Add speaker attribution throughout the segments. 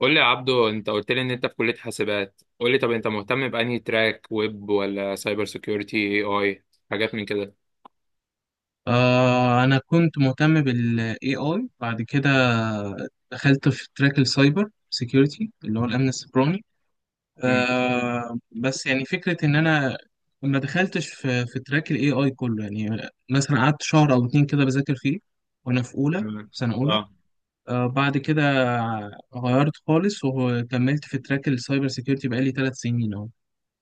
Speaker 1: قول لي يا عبدو، انت قلت لي ان انت في كلية حاسبات. قول لي، طب انت مهتم بأنهي تراك، ويب ولا سايبر سيكيورتي، AI حاجات من كده؟
Speaker 2: أنا كنت مهتم بال AI بعد كده. دخلت في تراك السايبر سيكيورتي اللي هو الأمن السيبراني.
Speaker 1: مم.
Speaker 2: بس يعني فكرة إن أنا ما دخلتش في تراك ال AI كله، يعني مثلا قعدت شهر أو اتنين كده بذاكر فيه وأنا في أولى
Speaker 1: مم.
Speaker 2: في سنة أولى.
Speaker 1: اه.
Speaker 2: بعد كده غيرت خالص وكملت في تراك السايبر سيكيورتي بقالي 3 سنين أهو.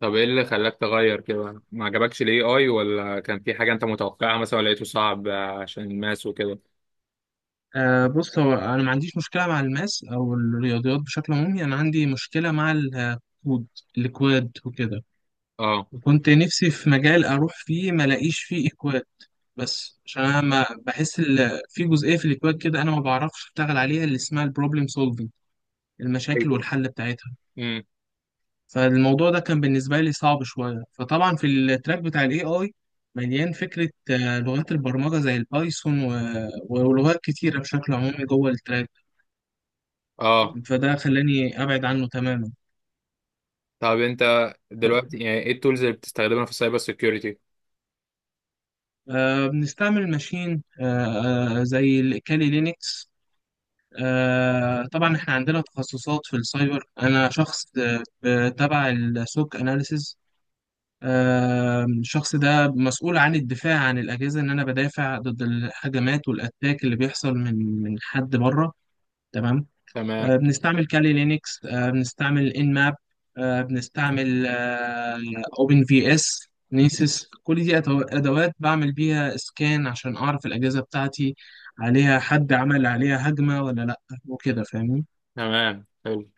Speaker 1: طب ايه اللي خلاك تغير كده؟ ما عجبكش الAI، ولا كان في حاجة انت متوقعها مثلا، ولا لقيته صعب عشان الماس وكده؟
Speaker 2: بص، هو انا ما عنديش مشكله مع الماس او الرياضيات بشكل عمومي، انا عندي مشكله مع الاكواد وكده.
Speaker 1: اه،
Speaker 2: وكنت نفسي في مجال اروح فيه ما الاقيش فيه اكواد، بس عشان انا ما بحس في جزئيه في الاكواد كده انا ما بعرفش اشتغل عليها، اللي اسمها البروبلم سولفنج، المشاكل
Speaker 1: ايوه.
Speaker 2: والحل بتاعتها.
Speaker 1: امم
Speaker 2: فالموضوع ده كان بالنسبه لي صعب شويه. فطبعا في التراك بتاع الاي اي مليان فكره، لغات البرمجه زي البايثون ولغات كتيره بشكل عمومي جوه التراك،
Speaker 1: اه.
Speaker 2: فده خلاني أبعد عنه تماما.
Speaker 1: طب انت دلوقتي يعني ايه التولز اللي بتستخدمها في السايبر سيكيورتي؟
Speaker 2: بنستعمل ماشين، زي الكالي لينكس. طبعا احنا عندنا تخصصات في السايبر، انا شخص، تبع السوك اناليسز. الشخص ده مسؤول عن الدفاع عن الاجهزه، ان انا بدافع ضد الهجمات والاتاك اللي بيحصل من حد بره. تمام.
Speaker 1: تمام.
Speaker 2: بنستعمل كالي لينكس، بنستعمل ان ماب، بنستعمل اوبن في اس نيسيس. كل دي ادوات بعمل بيها سكان عشان اعرف الاجهزه بتاعتي عليها حد عمل عليها هجمه ولا لا، وكده فاهمني.
Speaker 1: تمام، حلو.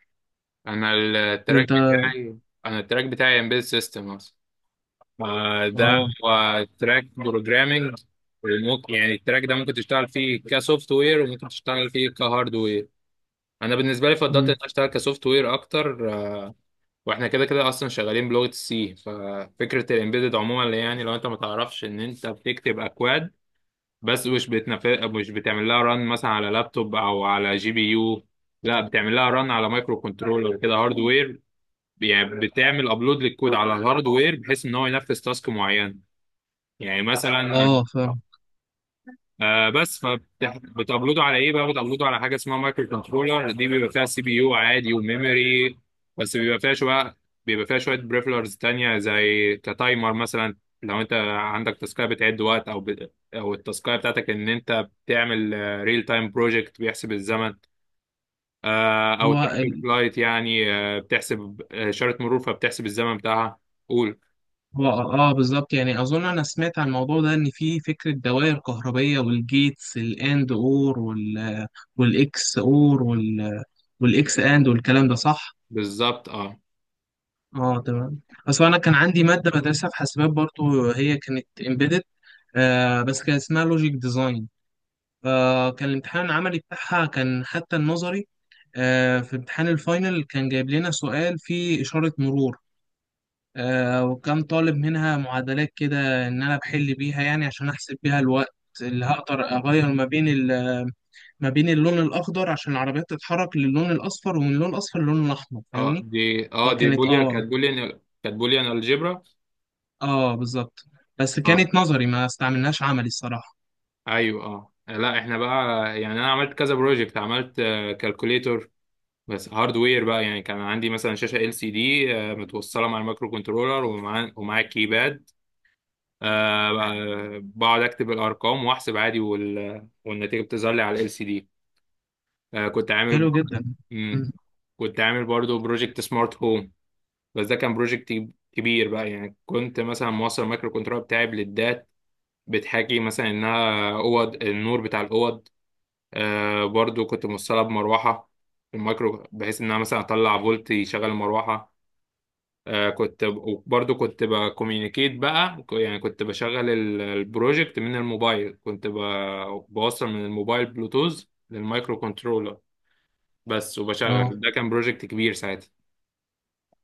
Speaker 1: انا التراك
Speaker 2: انت.
Speaker 1: بتاعي انا التراك بتاعي امبيد سيستم. ما ده
Speaker 2: اه.
Speaker 1: هو تراك بروجرامنج، وممكن يعني التراك ده ممكن تشتغل فيه كسوفت وير وممكن تشتغل فيه كهارد وير. انا بالنسبه لي فضلت ان
Speaker 2: مم.
Speaker 1: أنا اشتغل كسوفت وير اكتر. واحنا كده كده اصلا شغالين بلغه السي. ففكره الامبيدد عموما اللي يعني لو انت ما تعرفش ان انت بتكتب اكواد، بس مش بتعمل لها ران مثلا على لابتوب او على GPU. لا، بتعمل لها ران على مايكرو كنترولر، كده هاردوير. يعني بتعمل ابلود للكود على الهاردوير بحيث ان هو ينفذ تاسك معين. يعني مثلا،
Speaker 2: اه، فاهم.
Speaker 1: بس فبتابلوده على ايه بقى؟ بتابلوده على حاجه اسمها مايكرو كنترولر، دي بيبقى فيها CPU عادي وميموري، بس بيبقى فيها شويه بريفلرز تانية زي كتايمر مثلا. لو انت عندك تاسكايه بتعد وقت، او التاسكايه بتاعتك ان انت بتعمل ريل تايم بروجكت بيحسب الزمن. او
Speaker 2: هو
Speaker 1: ترافيك
Speaker 2: ال...
Speaker 1: لايت، يعني بتحسب، اشاره مرور فبتحسب الزمن بتاعها. قول.
Speaker 2: هو اه آه، بالظبط، يعني اظن انا سمعت عن الموضوع ده ان في فكره دوائر كهربيه والجيتس الاند اور والاكس اور والاكس اند والكلام ده صح.
Speaker 1: بالظبط، اه.
Speaker 2: اه تمام. اصل انا كان عندي ماده بدرسها في حاسبات برضو، هي كانت امبيدد، بس كان اسمها لوجيك ديزاين. فكان الامتحان العملي بتاعها كان، حتى النظري، في امتحان الفاينل كان جايب لنا سؤال فيه اشاره مرور. وكان طالب منها معادلات كده ان انا بحل بيها، يعني عشان احسب بيها الوقت اللي هقدر اغير ما بين اللون الاخضر عشان العربيات تتحرك للون الاصفر، ومن اللون الاصفر للون الاحمر
Speaker 1: اه
Speaker 2: فاهمني.
Speaker 1: دي اه دي
Speaker 2: فكانت
Speaker 1: بوليا
Speaker 2: اه
Speaker 1: كانت بوليان كانت بوليان الجبرا.
Speaker 2: اه بالظبط. بس
Speaker 1: اه،
Speaker 2: كانت نظري ما استعملناش عملي الصراحة.
Speaker 1: ايوه. اه، لا، احنا بقى يعني انا عملت كذا بروجكت، عملت كالكوليتور، بس هاردوير بقى. يعني كان عندي مثلا شاشه LCD متوصله مع المايكرو كنترولر ومع الكيباد. بقعد اكتب الارقام واحسب عادي، والنتيجه بتظهر لي على LCD. كنت عامل
Speaker 2: حلو جدا.
Speaker 1: برضه. مم.
Speaker 2: مم.
Speaker 1: كنت عامل برضه بروجكت سمارت هوم، بس ده كان بروجكت كبير بقى. يعني كنت مثلا موصل المايكرو كنترولر بتاعي، بتحكي مثلا انها اوض، النور بتاع الاوض. برضو كنت موصلها بمروحه، في المايكرو، بحيث انها مثلا اطلع فولت يشغل المروحه. آه كنت برضو كنت بكوميونيكيت بقى، يعني كنت بشغل البروجكت من الموبايل، كنت بوصل من الموبايل بلوتوث للمايكرو كنترولر بس.
Speaker 2: اه،
Speaker 1: وبشغل، ده كان بروجكت كبير ساعتها.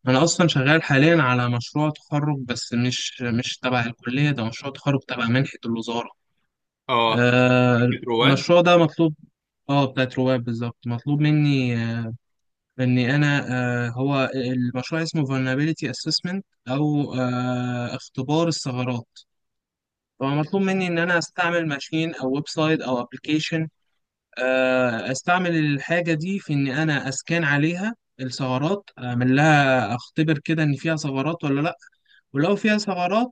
Speaker 2: انا اصلا شغال حاليا على مشروع تخرج بس مش تبع الكلية، ده مشروع تخرج تبع منحة الوزارة.
Speaker 1: اه،
Speaker 2: آه
Speaker 1: كنترو واد،
Speaker 2: المشروع ده مطلوب. اه، بتاعت رواد بالظبط. مطلوب مني، اني انا، هو المشروع اسمه vulnerability assessment او اختبار الثغرات. فمطلوب مني ان انا استعمل ماشين او ويب سايت او ابلكيشن، استعمل الحاجه دي في ان انا اسكان عليها الثغرات، اعمل لها اختبر كده ان فيها ثغرات ولا لا. ولو فيها ثغرات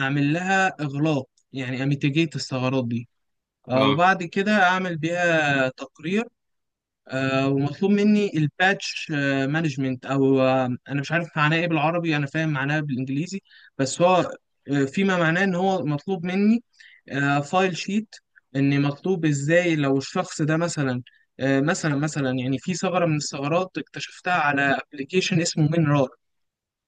Speaker 2: اعمل لها اغلاق، يعني اميتيجيت الثغرات دي.
Speaker 1: اه،
Speaker 2: وبعد كده اعمل بيها تقرير. ومطلوب مني الباتش مانجمنت، او انا مش عارف معناه ايه بالعربي، انا فاهم معناه بالانجليزي. بس هو فيما معناه ان هو مطلوب مني فايل شيت، ان مطلوب ازاي لو الشخص ده مثلا، يعني في ثغره من الثغرات اكتشفتها على ابلكيشن اسمه مينرار.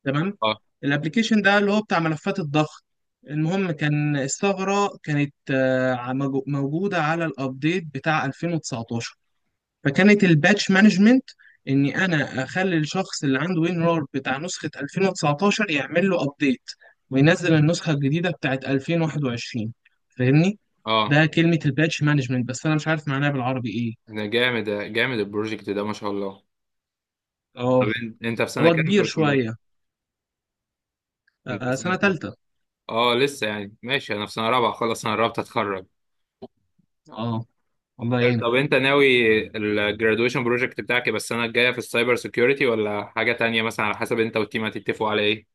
Speaker 2: تمام.
Speaker 1: اه،
Speaker 2: الابلكيشن ده اللي هو بتاع ملفات الضغط. المهم كان الثغره كانت، موجوده على الابديت بتاع 2019. فكانت الباتش مانجمنت اني انا اخلي الشخص اللي عنده وينرار بتاع نسخة 2019 يعمل له ابديت، وينزل النسخة الجديدة بتاعت 2021 فاهمني.
Speaker 1: اه.
Speaker 2: ده كلمة الباتش مانجمنت بس انا مش عارف معناها بالعربي ايه.
Speaker 1: ده جامد، ده جامد البروجكت ده، ما شاء الله. طب
Speaker 2: اه،
Speaker 1: انت في سنه
Speaker 2: هو
Speaker 1: كام في
Speaker 2: كبير شوية.
Speaker 1: الكليه؟ انت في سنه
Speaker 2: سنة
Speaker 1: كام؟
Speaker 2: تالتة.
Speaker 1: اه، لسه يعني ماشي، انا في سنه رابعه، خلاص انا قربت اتخرج.
Speaker 2: اه، الله يعينك.
Speaker 1: طب انت ناوي الجرادويشن بروجكت بتاعك يبقى السنه الجايه في السايبر سيكيورتي، ولا حاجه تانية مثلا على حسب انت والتيم هتتفقوا على ايه؟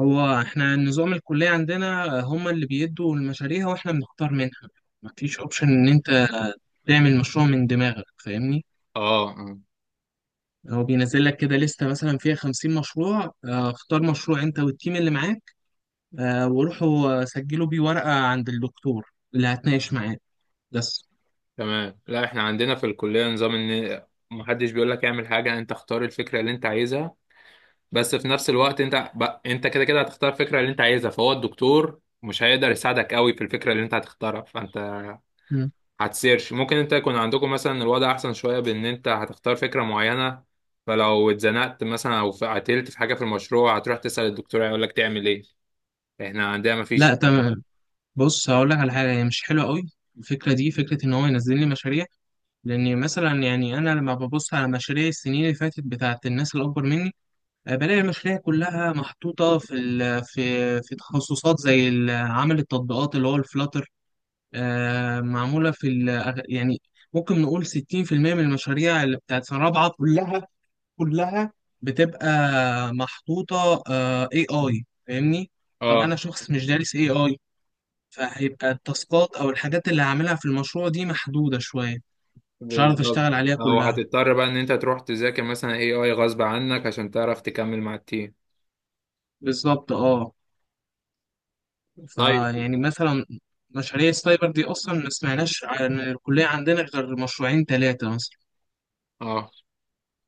Speaker 2: هو احنا نظام الكلية عندنا هما اللي بيدوا المشاريع واحنا بنختار منها، مفيش اوبشن ان انت تعمل مشروع من دماغك فاهمني.
Speaker 1: اه.
Speaker 2: هو بينزل لك كده لستة مثلا فيها 50 مشروع، اختار مشروع انت والتيم اللي معاك، وروحوا سجلوا بيه ورقة عند الدكتور اللي هتناقش معاه بس.
Speaker 1: تمام. لا، احنا عندنا في الكليه نظام ان محدش بيقول لك اعمل حاجه، انت اختار الفكره اللي انت عايزها. بس في نفس الوقت انت بقى انت كده كده هتختار الفكره اللي انت عايزها، فهو الدكتور مش هيقدر يساعدك قوي في الفكره اللي انت هتختارها، فانت
Speaker 2: مم.
Speaker 1: هتسيرش. ممكن انت يكون عندكم مثلا الوضع احسن شويه بان انت هتختار فكره معينه، فلو اتزنقت مثلا او قتلت في حاجه في المشروع هتروح تسال الدكتور هيقول لك تعمل ايه. احنا عندنا ما فيش
Speaker 2: لا
Speaker 1: الكلام.
Speaker 2: تمام. بص هقول لك على حاجة هي مش حلوة قوي. الفكرة دي فكرة إن هو ينزل لي مشاريع، لأن مثلا يعني أنا لما ببص على مشاريع السنين اللي فاتت بتاعة الناس الأكبر مني، بلاقي المشاريع كلها محطوطة في تخصصات زي عمل التطبيقات اللي هو الفلاتر، معمولة يعني ممكن نقول 60% من المشاريع اللي بتاعت سنة رابعة كلها، كلها بتبقى محطوطة، AI فاهمني؟ طب
Speaker 1: اه،
Speaker 2: أنا شخص مش دارس AI، فهيبقى التاسكات أو الحاجات اللي هعملها في المشروع دي محدودة شوية، مش هعرف
Speaker 1: بالظبط.
Speaker 2: أشتغل عليها
Speaker 1: او
Speaker 2: كلها.
Speaker 1: هتضطر بقى ان انت تروح تذاكر مثلا AI غصب عنك عشان تعرف تكمل مع التيم.
Speaker 2: بالظبط أه.
Speaker 1: طيب.
Speaker 2: فيعني مثلا مشاريع السايبر دي أصلا ما سمعناش عن الكلية عندنا غير مشروعين تلاتة مثلا.
Speaker 1: اه.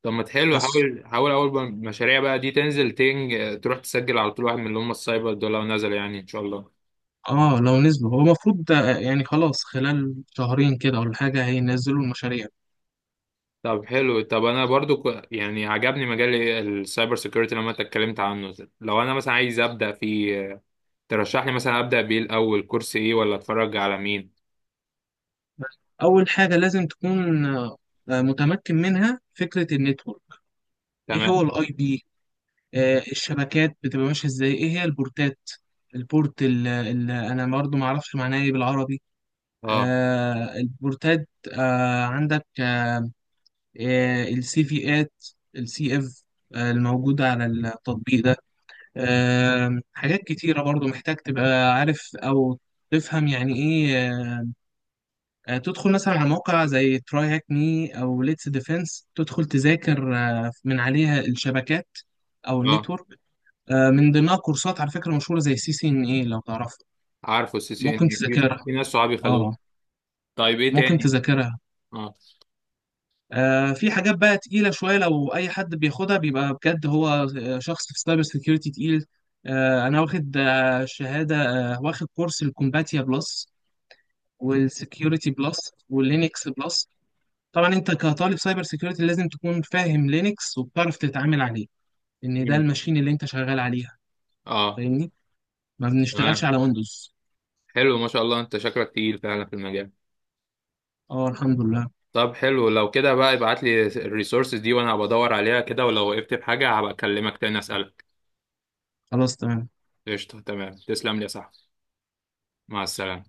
Speaker 1: طب ما تحلو،
Speaker 2: بس
Speaker 1: حاول حاول اول ما المشاريع بقى دي تنزل تنج تروح تسجل على طول واحد من اللي هم السايبر دول لو نزل، يعني ان شاء الله.
Speaker 2: اه، لو نزلوا هو المفروض، يعني خلاص خلال شهرين كده ولا حاجة هينزلوا المشاريع.
Speaker 1: طب حلو، طب انا برضو يعني عجبني مجال السايبر سيكيورتي لما انت اتكلمت عنه. لو انا مثلا عايز ابدا فيه، ترشح لي مثلا ابدا بيه الاول كورس ايه، ولا اتفرج على مين؟
Speaker 2: أول حاجة لازم تكون، متمكن منها فكرة النتورك. إيه
Speaker 1: تمام.
Speaker 2: هو الأي بي، الشبكات بتبقى ماشية إزاي، إيه هي البورتات، البورت اللي أنا برضه معرفش معناه إيه بالعربي.
Speaker 1: اه،
Speaker 2: البورتات، عندك السي فيات، السي اف الموجودة على التطبيق ده. حاجات كتيرة برضو محتاج تبقى عارف أو تفهم يعني إيه. تدخل مثلا على موقع زي تراي هاك مي أو ليتس ديفense، تدخل تذاكر من عليها الشبكات أو
Speaker 1: اه.
Speaker 2: النتورك. من ضمنها كورسات على فكرة مشهورة زي سي سي إن إيه لو تعرفها
Speaker 1: عارفه السي سي ان
Speaker 2: ممكن
Speaker 1: اي في،
Speaker 2: تذاكرها.
Speaker 1: في ناس صحابي خدوه.
Speaker 2: أه،
Speaker 1: طيب ايه
Speaker 2: ممكن
Speaker 1: تاني؟
Speaker 2: تذاكرها.
Speaker 1: اه.
Speaker 2: في حاجات بقى تقيلة شوية لو أي حد بياخدها بيبقى بجد هو، شخص في السايبر سيكيورتي تقيل. أنا واخد شهادة، واخد كورس الكومباتيا بلس والسكيورتي بلس واللينكس بلس. طبعا انت كطالب سايبر سكيورتي لازم تكون فاهم لينكس وبتعرف تتعامل عليه، ان ده
Speaker 1: مم.
Speaker 2: الماشين اللي انت شغال عليها
Speaker 1: اه.
Speaker 2: فاهمني، ما بنشتغلش
Speaker 1: تمام،
Speaker 2: على ويندوز.
Speaker 1: حلو، ما شاء الله انت شكلك تقيل فعلا في المجال.
Speaker 2: اه الحمد لله.
Speaker 1: طب حلو لو كده، بدور بقى، ابعت لي الريسورسز دي وانا بدور عليها كده، ولو وقفت بحاجه هبقى اكلمك تاني اسالك.
Speaker 2: خلاص تمام.
Speaker 1: قشطه، تمام، تسلم لي يا صاحبي. مع السلامه.